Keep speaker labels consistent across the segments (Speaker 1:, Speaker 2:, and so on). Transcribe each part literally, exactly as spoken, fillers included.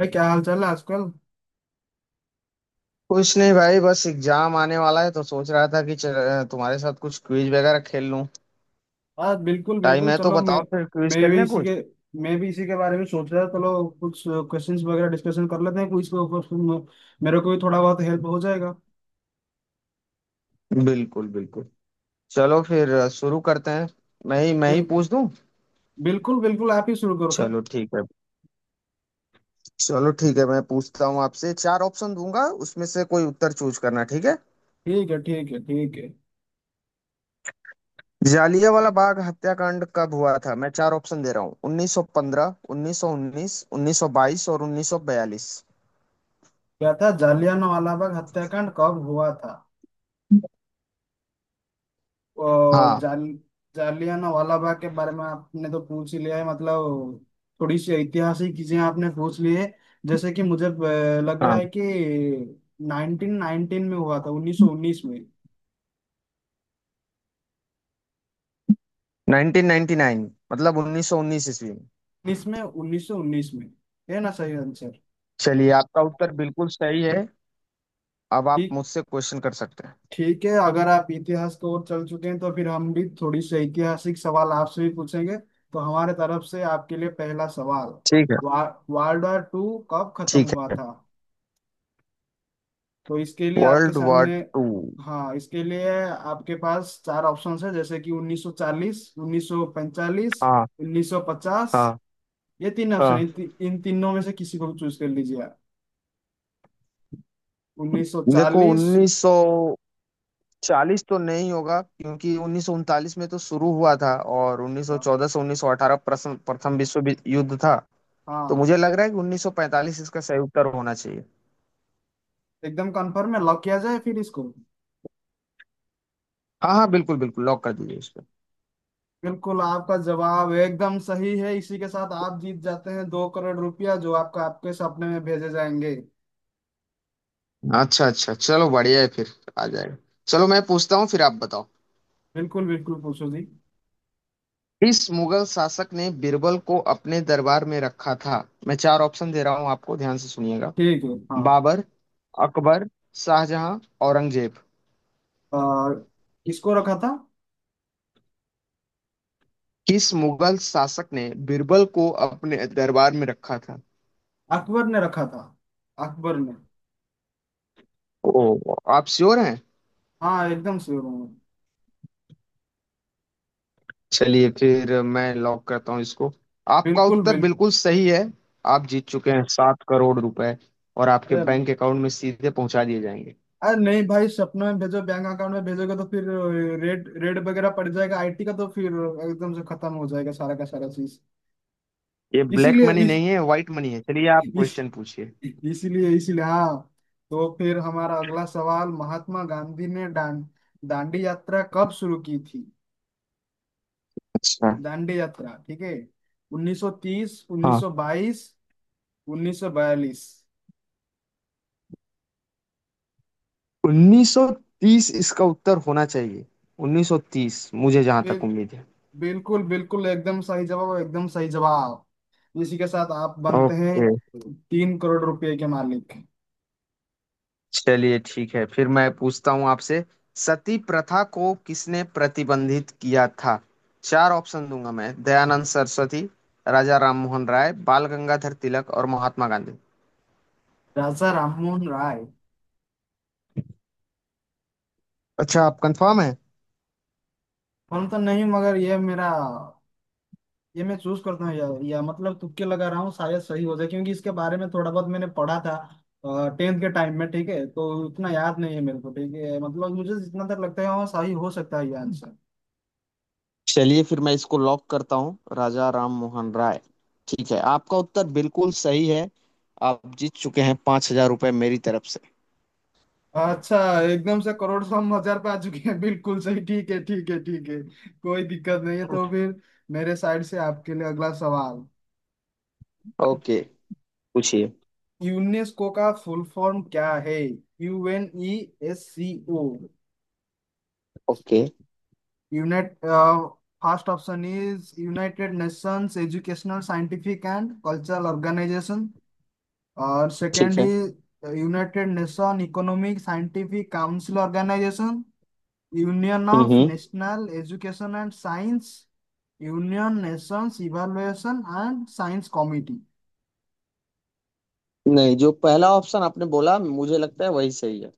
Speaker 1: भाई, क्या हाल चाल है आजकल।
Speaker 2: कुछ नहीं भाई, बस एग्जाम आने वाला है तो सोच रहा था कि चल, तुम्हारे साथ कुछ क्विज वगैरह खेल लूं।
Speaker 1: हाँ, बिल्कुल
Speaker 2: टाइम
Speaker 1: बिल्कुल,
Speaker 2: है तो
Speaker 1: चलो, मैं
Speaker 2: बताओ, फिर क्विज
Speaker 1: मैं
Speaker 2: खेल
Speaker 1: भी
Speaker 2: लें
Speaker 1: इसी
Speaker 2: कुछ।
Speaker 1: के मैं भी इसी के बारे में सोच रहा था। चलो, कुछ क्वेश्चंस वगैरह डिस्कशन कर लेते हैं क्विज के ऊपर। तुम- मेरे को भी थोड़ा बहुत हेल्प हो जाएगा।
Speaker 2: बिल्कुल बिल्कुल। चलो फिर अ, शुरू करते हैं। मैं ही मैं ही
Speaker 1: बिल,
Speaker 2: पूछ दूं।
Speaker 1: बिल्कुल बिल्कुल, आप ही शुरू करो सर।
Speaker 2: चलो ठीक है। चलो ठीक है, मैं पूछता हूँ आपसे। चार ऑप्शन दूंगा, उसमें से कोई उत्तर चूज करना, ठीक है।
Speaker 1: ठीक है, ठीक है, ठीक है।
Speaker 2: जालियांवाला बाग हत्याकांड कब हुआ था? मैं चार ऑप्शन दे रहा हूँ: उन्नीस सौ पंद्रह, उन्नीस सौ उन्नीस, उन्नीस सौ बाईस और उन्नीस सौ बयालीस।
Speaker 1: क्या था? जलियांवाला बाग हत्याकांड कब हुआ था? अ,
Speaker 2: हाँ।
Speaker 1: जाल जालियाना वाला बाग के बारे में आपने तो पूछ ही लिया है, मतलब थोड़ी सी ऐतिहासिक चीजें आपने पूछ ली है। जैसे कि मुझे अ, लग रहा
Speaker 2: हाँ,
Speaker 1: है कि उन्नीस सौ उन्नीस में हुआ था। उन्नीस सौ उन्नीस में।
Speaker 2: नाइनटीन नाइनटी नाइन, मतलब उन्नीस सौ उन्नीस ईस्वी।
Speaker 1: उन्नीस में उन्नीस सौ उन्नीस में, है ना सही आंसर?
Speaker 2: चलिए, आपका उत्तर बिल्कुल सही है। अब आप
Speaker 1: ठीक,
Speaker 2: मुझसे क्वेश्चन कर सकते हैं।
Speaker 1: ठीक है। अगर आप इतिहास को ओर चल चुके हैं तो फिर हम भी थोड़ी सी ऐतिहासिक सवाल आपसे भी पूछेंगे। तो हमारे तरफ से आपके लिए पहला सवाल,
Speaker 2: ठीक है।
Speaker 1: वा, वर्ल्ड वॉर टू कब खत्म
Speaker 2: ठीक
Speaker 1: हुआ
Speaker 2: है।
Speaker 1: था? तो इसके लिए आपके
Speaker 2: वर्ल्ड वॉर
Speaker 1: सामने,
Speaker 2: टू।
Speaker 1: हाँ, इसके लिए आपके पास चार ऑप्शंस है, जैसे कि उन्नीस सौ चालीस, उन्नीस सौ पैंतालीस,
Speaker 2: हाँ।
Speaker 1: उन्नीस सौ पचास।
Speaker 2: हाँ।
Speaker 1: ये तीन ऑप्शन है।
Speaker 2: हाँ,
Speaker 1: इन, ति, इन तीनों में से किसी को भी चूज कर लीजिए आप।
Speaker 2: देखो
Speaker 1: उन्नीस सौ चालीस?
Speaker 2: उन्नीस सौ चालीस तो नहीं होगा, क्योंकि उन्नीस सौ उनतालीस में तो शुरू हुआ था, और
Speaker 1: हाँ,
Speaker 2: उन्नीस सौ चौदह से उन्नीस सौ अठारह प्रथम प्रथम विश्व वि- युद्ध था। तो
Speaker 1: हाँ,
Speaker 2: मुझे लग रहा है कि उन्नीस सौ पैंतालीस इसका सही उत्तर होना चाहिए।
Speaker 1: एकदम कंफर्म है? लॉक किया जाए फिर इसको।
Speaker 2: हाँ हाँ, बिल्कुल बिल्कुल, लॉक कर दीजिए इसको।
Speaker 1: बिल्कुल, आपका जवाब एकदम सही है। इसी के साथ आप जीत जाते हैं दो करोड़ रुपया, जो आपका आपके सपने में भेजे जाएंगे।
Speaker 2: अच्छा अच्छा, चलो बढ़िया है फिर, आ जाएगा। चलो मैं पूछता हूँ, फिर आप बताओ।
Speaker 1: बिल्कुल बिल्कुल, पूछो जी।
Speaker 2: इस मुगल शासक ने बिरबल को अपने दरबार में रखा था। मैं चार ऑप्शन दे रहा हूं, आपको ध्यान से सुनिएगा।
Speaker 1: ठीक है, हाँ।
Speaker 2: बाबर, अकबर, शाहजहां, औरंगजेब।
Speaker 1: और किसको रखा था?
Speaker 2: किस मुगल शासक ने बिरबल को अपने दरबार में रखा था?
Speaker 1: अकबर ने रखा था। अकबर ने।
Speaker 2: ओ, आप श्योर हैं?
Speaker 1: हाँ, एकदम श्योर हूँ मैं।
Speaker 2: चलिए फिर मैं लॉक करता हूँ इसको। आपका
Speaker 1: बिल्कुल
Speaker 2: उत्तर
Speaker 1: बिल्कुल।
Speaker 2: बिल्कुल सही है। आप जीत चुके हैं सात करोड़ रुपए, और आपके
Speaker 1: अरे,
Speaker 2: बैंक अकाउंट में सीधे पहुंचा दिए जाएंगे।
Speaker 1: अरे नहीं भाई, सपने में भेजो। बैंक अकाउंट में भेजोगे तो फिर रेड रेड वगैरह पड़ जाएगा आईटी का, तो फिर एकदम से खत्म हो जाएगा सारा का सारा चीज।
Speaker 2: ये ब्लैक
Speaker 1: इसीलिए
Speaker 2: मनी
Speaker 1: इस,
Speaker 2: नहीं है, व्हाइट मनी है। चलिए आप
Speaker 1: इस,
Speaker 2: क्वेश्चन पूछिए।
Speaker 1: इसीलिए इसीलिए हाँ, तो फिर हमारा अगला सवाल, महात्मा गांधी ने डां, दांडी यात्रा कब शुरू की थी?
Speaker 2: अच्छा।
Speaker 1: दांडी यात्रा, ठीक है। उन्नीस सौ तीस,
Speaker 2: हाँ,
Speaker 1: उन्नीस सौ बाईस, उन्नीस सौ बयालीस?
Speaker 2: उन्नीस सौ तीस इसका उत्तर होना चाहिए। उन्नीस सौ तीस, मुझे जहां तक
Speaker 1: फिर
Speaker 2: उम्मीद है।
Speaker 1: बिल्कुल बिल्कुल एकदम सही जवाब, और एकदम सही जवाब। इसी के साथ आप बनते
Speaker 2: ओके।
Speaker 1: हैं तीन करोड़ रुपए के मालिक।
Speaker 2: चलिए ठीक है, फिर मैं पूछता हूं आपसे। सती प्रथा को किसने प्रतिबंधित किया था? चार ऑप्शन दूंगा मैं: दयानंद सरस्वती, राजा राममोहन राय, बाल गंगाधर तिलक और महात्मा गांधी।
Speaker 1: राजा राममोहन राय।
Speaker 2: अच्छा, आप कंफर्म है?
Speaker 1: हम तो नहीं, मगर ये मेरा, ये मैं चूज करता हूँ या, या मतलब तुक्के लगा रहा हूँ, शायद सही हो जाए, क्योंकि इसके बारे में थोड़ा बहुत मैंने पढ़ा था टेंथ के टाइम में। ठीक है, तो उतना याद नहीं है मेरे को। ठीक है, मतलब मुझे जितना तक लगता है वहाँ सही हो सकता है ये आंसर।
Speaker 2: चलिए फिर मैं इसको लॉक करता हूँ, राजा राम मोहन राय। ठीक है, आपका उत्तर बिल्कुल सही है। आप जीत चुके हैं पांच हजार रुपये मेरी तरफ से।
Speaker 1: अच्छा, एकदम से करोड़ सौ हम हजार पे आ चुके हैं। बिल्कुल सही, ठीक है, ठीक है, ठीक है। कोई दिक्कत नहीं है। तो फिर मेरे साइड से आपके लिए अगला सवाल,
Speaker 2: ओके, पूछिए।
Speaker 1: यूनेस्को का फुल फॉर्म क्या है? U N E S C O.
Speaker 2: Okay,
Speaker 1: unite first option is united nations educational scientific and cultural organisation. और
Speaker 2: ठीक
Speaker 1: सेकेंड
Speaker 2: है।
Speaker 1: Is united nation economic scientific council organisation. Union of
Speaker 2: hmm,
Speaker 1: national education and science. Union nations evaluation and science committee.
Speaker 2: नहीं, जो पहला option आपने बोला मुझे लगता है वही सही है।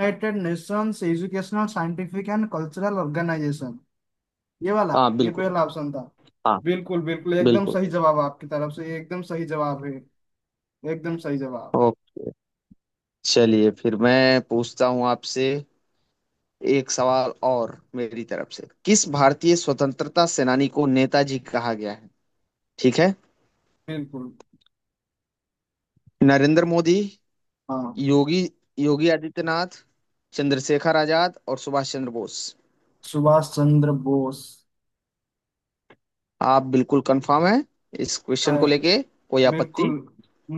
Speaker 1: United nations educational scientific and cultural organisation, ये वाला,
Speaker 2: हाँ
Speaker 1: ये
Speaker 2: बिल्कुल।
Speaker 1: पहला ऑप्शन था।
Speaker 2: हाँ
Speaker 1: बिल्कुल बिल्कुल एकदम
Speaker 2: बिल्कुल।
Speaker 1: सही जवाब आपकी तरफ से, ये एकदम सही जवाब है, एकदम सही जवाब।
Speaker 2: ओके, चलिए फिर मैं पूछता हूँ आपसे। एक सवाल और मेरी तरफ से, किस भारतीय स्वतंत्रता सेनानी को नेताजी कहा गया है? ठीक है।
Speaker 1: बिल्कुल,
Speaker 2: नरेंद्र मोदी,
Speaker 1: हाँ,
Speaker 2: योगी, योगी आदित्यनाथ, चंद्रशेखर आजाद और सुभाष चंद्र बोस।
Speaker 1: सुभाष चंद्र बोस।
Speaker 2: आप बिल्कुल कंफर्म हैं? इस
Speaker 1: आ,
Speaker 2: क्वेश्चन को लेके कोई
Speaker 1: बिल्कुल,
Speaker 2: आपत्ति?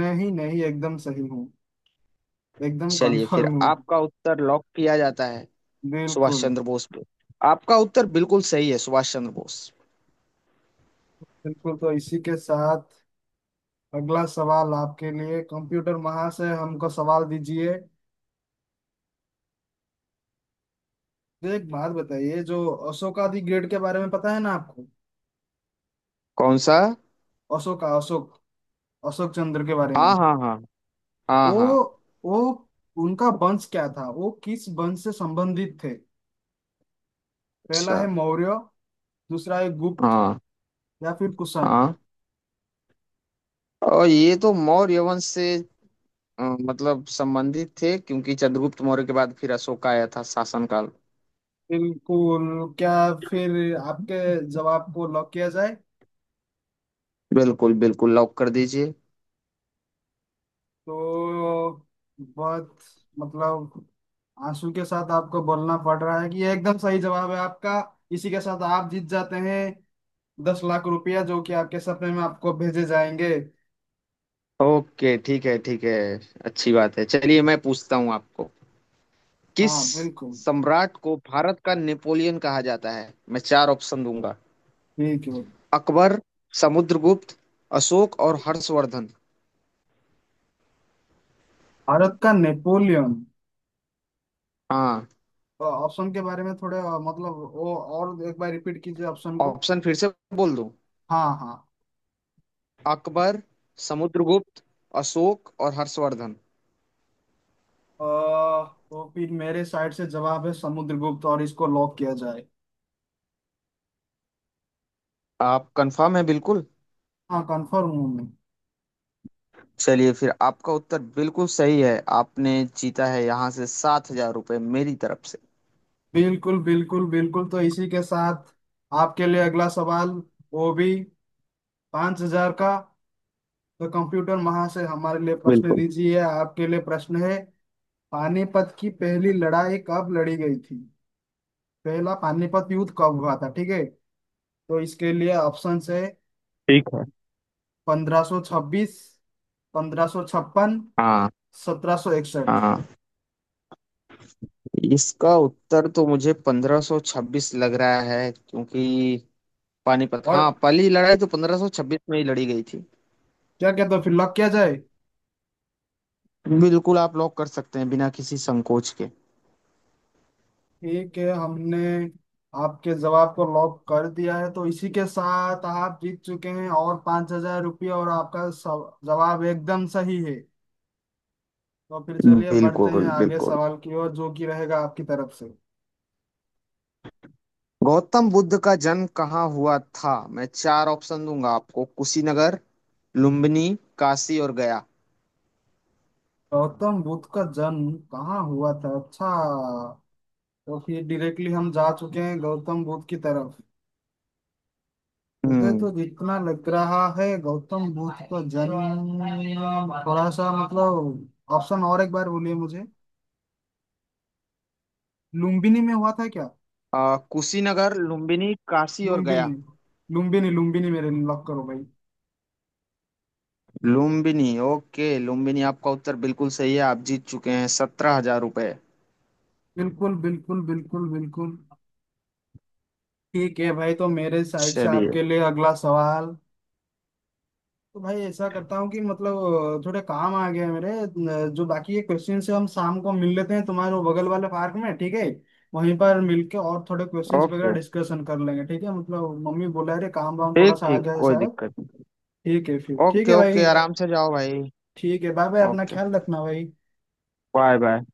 Speaker 1: नहीं नहीं, एकदम सही हूँ, एकदम
Speaker 2: चलिए फिर
Speaker 1: कंफर्म हूँ।
Speaker 2: आपका उत्तर लॉक किया जाता है, सुभाष
Speaker 1: बिल्कुल
Speaker 2: चंद्र बोस पे। आपका उत्तर बिल्कुल सही है, सुभाष चंद्र बोस।
Speaker 1: बिल्कुल, तो इसी के साथ अगला सवाल आपके लिए। कंप्यूटर महाशय, हमको सवाल दीजिए। तो एक बात बताइए, जो अशोका दी ग्रेट के बारे में पता है ना आपको?
Speaker 2: कौन सा?
Speaker 1: अशोका अशोक, अशोक चंद्र के बारे में।
Speaker 2: हाँ हाँ हाँ। हाँ हाँ।
Speaker 1: वो वो उनका वंश क्या था, वो किस वंश से संबंधित थे? पहला
Speaker 2: अच्छा।
Speaker 1: है मौर्य, दूसरा है गुप्त,
Speaker 2: हाँ
Speaker 1: या फिर कुषाण।
Speaker 2: हाँ, और ये तो मौर्य वंश से अ, मतलब संबंधित थे, क्योंकि चंद्रगुप्त मौर्य के बाद फिर अशोक आया था शासन काल।
Speaker 1: बिल्कुल। क्या, फिर आपके जवाब को लॉक किया जाए?
Speaker 2: बिल्कुल बिल्कुल, लॉक कर दीजिए।
Speaker 1: तो बहुत, मतलब, आंसू के साथ आपको बोलना पड़ रहा है कि ये एकदम सही जवाब है आपका। इसी के साथ आप जीत जाते हैं दस लाख रुपया, जो कि आपके सपने में आपको भेजे जाएंगे।
Speaker 2: ओके ठीक है ठीक है, अच्छी बात है। चलिए मैं पूछता हूँ आपको। किस
Speaker 1: हाँ बिल्कुल,
Speaker 2: सम्राट को भारत का नेपोलियन कहा जाता है? मैं चार ऑप्शन दूंगा:
Speaker 1: ठीक है।
Speaker 2: अकबर, समुद्रगुप्त, अशोक और हर्षवर्धन।
Speaker 1: भारत का नेपोलियन?
Speaker 2: हाँ,
Speaker 1: तो ऑप्शन के बारे में थोड़े अ, मतलब वो, और एक बार रिपीट कीजिए ऑप्शन को।
Speaker 2: ऑप्शन फिर से बोल दूं?
Speaker 1: हाँ हाँ।
Speaker 2: अकबर, समुद्रगुप्त, अशोक और हर्षवर्धन।
Speaker 1: अ, तो फिर मेरे साइड से जवाब है समुद्रगुप्त, और इसको लॉक किया जाए।
Speaker 2: आप कंफर्म है बिल्कुल?
Speaker 1: हाँ, कंफर्म हूँ मैं।
Speaker 2: चलिए फिर, आपका उत्तर बिल्कुल सही है। आपने जीता है यहाँ से सात हजार रुपये मेरी तरफ से।
Speaker 1: बिल्कुल बिल्कुल बिल्कुल, तो इसी के साथ आपके लिए अगला सवाल, वो भी पांच हजार का। तो कंप्यूटर महाशय, हमारे लिए प्रश्न
Speaker 2: बिल्कुल।
Speaker 1: दीजिए। आपके लिए प्रश्न है, पानीपत की पहली लड़ाई कब लड़ी गई थी? पहला पानीपत युद्ध कब हुआ था, ठीक है? तो इसके लिए ऑप्शन है
Speaker 2: ठीक है।
Speaker 1: पंद्रह सौ छब्बीस, पंद्रह सौ छप्पन,
Speaker 2: हाँ।
Speaker 1: सत्रह सौ इकसठ।
Speaker 2: हाँ, इसका उत्तर तो मुझे पंद्रह सौ छब्बीस लग रहा है, क्योंकि पानीपत,
Speaker 1: और
Speaker 2: हाँ, पहली लड़ाई तो पंद्रह सौ छब्बीस में ही लड़ी गई थी।
Speaker 1: क्या कहते हो, फिर लॉक किया जाए?
Speaker 2: बिल्कुल, आप लॉक कर सकते हैं बिना किसी संकोच के।
Speaker 1: ठीक है, हमने आपके जवाब को लॉक कर दिया है। तो इसी के साथ आप जीत चुके हैं और पांच हजार रुपये, और आपका सव- जवाब एकदम सही है। तो फिर चलिए बढ़ते हैं
Speaker 2: बिल्कुल
Speaker 1: आगे
Speaker 2: बिल्कुल।
Speaker 1: सवाल की ओर, जो कि रहेगा आपकी तरफ से।
Speaker 2: गौतम बुद्ध का जन्म कहाँ हुआ था? मैं चार ऑप्शन दूंगा आपको: कुशीनगर, लुम्बिनी, काशी और गया।
Speaker 1: गौतम बुद्ध का जन्म कहाँ हुआ था? अच्छा, तो फिर डायरेक्टली हम जा चुके हैं गौतम बुद्ध की तरफ। मुझे
Speaker 2: हम्म।
Speaker 1: तो जितना लग रहा है गौतम बुद्ध का जन्म थोड़ा सा, मतलब, ऑप्शन और एक बार बोलिए मुझे। लुम्बिनी में हुआ था क्या?
Speaker 2: आ, कुशीनगर, लुम्बिनी, काशी और
Speaker 1: लुम्बिनी,
Speaker 2: गया।
Speaker 1: लुम्बिनी, लुम्बिनी मेरे लिए लॉक करो भाई।
Speaker 2: लुम्बिनी? ओके, लुम्बिनी, आपका उत्तर बिल्कुल सही है। आप जीत चुके हैं सत्रह हजार रुपये।
Speaker 1: बिल्कुल बिल्कुल बिल्कुल बिल्कुल, ठीक है भाई। तो मेरे साइड से
Speaker 2: चलिए।
Speaker 1: आपके लिए अगला सवाल, तो भाई ऐसा करता हूँ कि, मतलब, थोड़े काम आ गया है मेरे। न- जो बाकी के क्वेश्चन से हम शाम को मिल लेते हैं तुम्हारे वो बगल वाले पार्क में, ठीक है? वहीं पर मिलके और थोड़े क्वेश्चंस वगैरह
Speaker 2: ओके,
Speaker 1: डिस्कशन कर लेंगे, ठीक है? मतलब मम्मी बोला रे, काम वाम थोड़ा
Speaker 2: ठीक
Speaker 1: सा आ
Speaker 2: ठीक,
Speaker 1: गया है
Speaker 2: कोई
Speaker 1: शायद।
Speaker 2: दिक्कत
Speaker 1: ठीक है फिर,
Speaker 2: नहीं।
Speaker 1: ठीक
Speaker 2: ओके
Speaker 1: है भाई।
Speaker 2: ओके, आराम से जाओ भाई।
Speaker 1: ठीक है, बाय बाय, अपना
Speaker 2: ओके,
Speaker 1: ख्याल रखना भाई।
Speaker 2: Bye bye.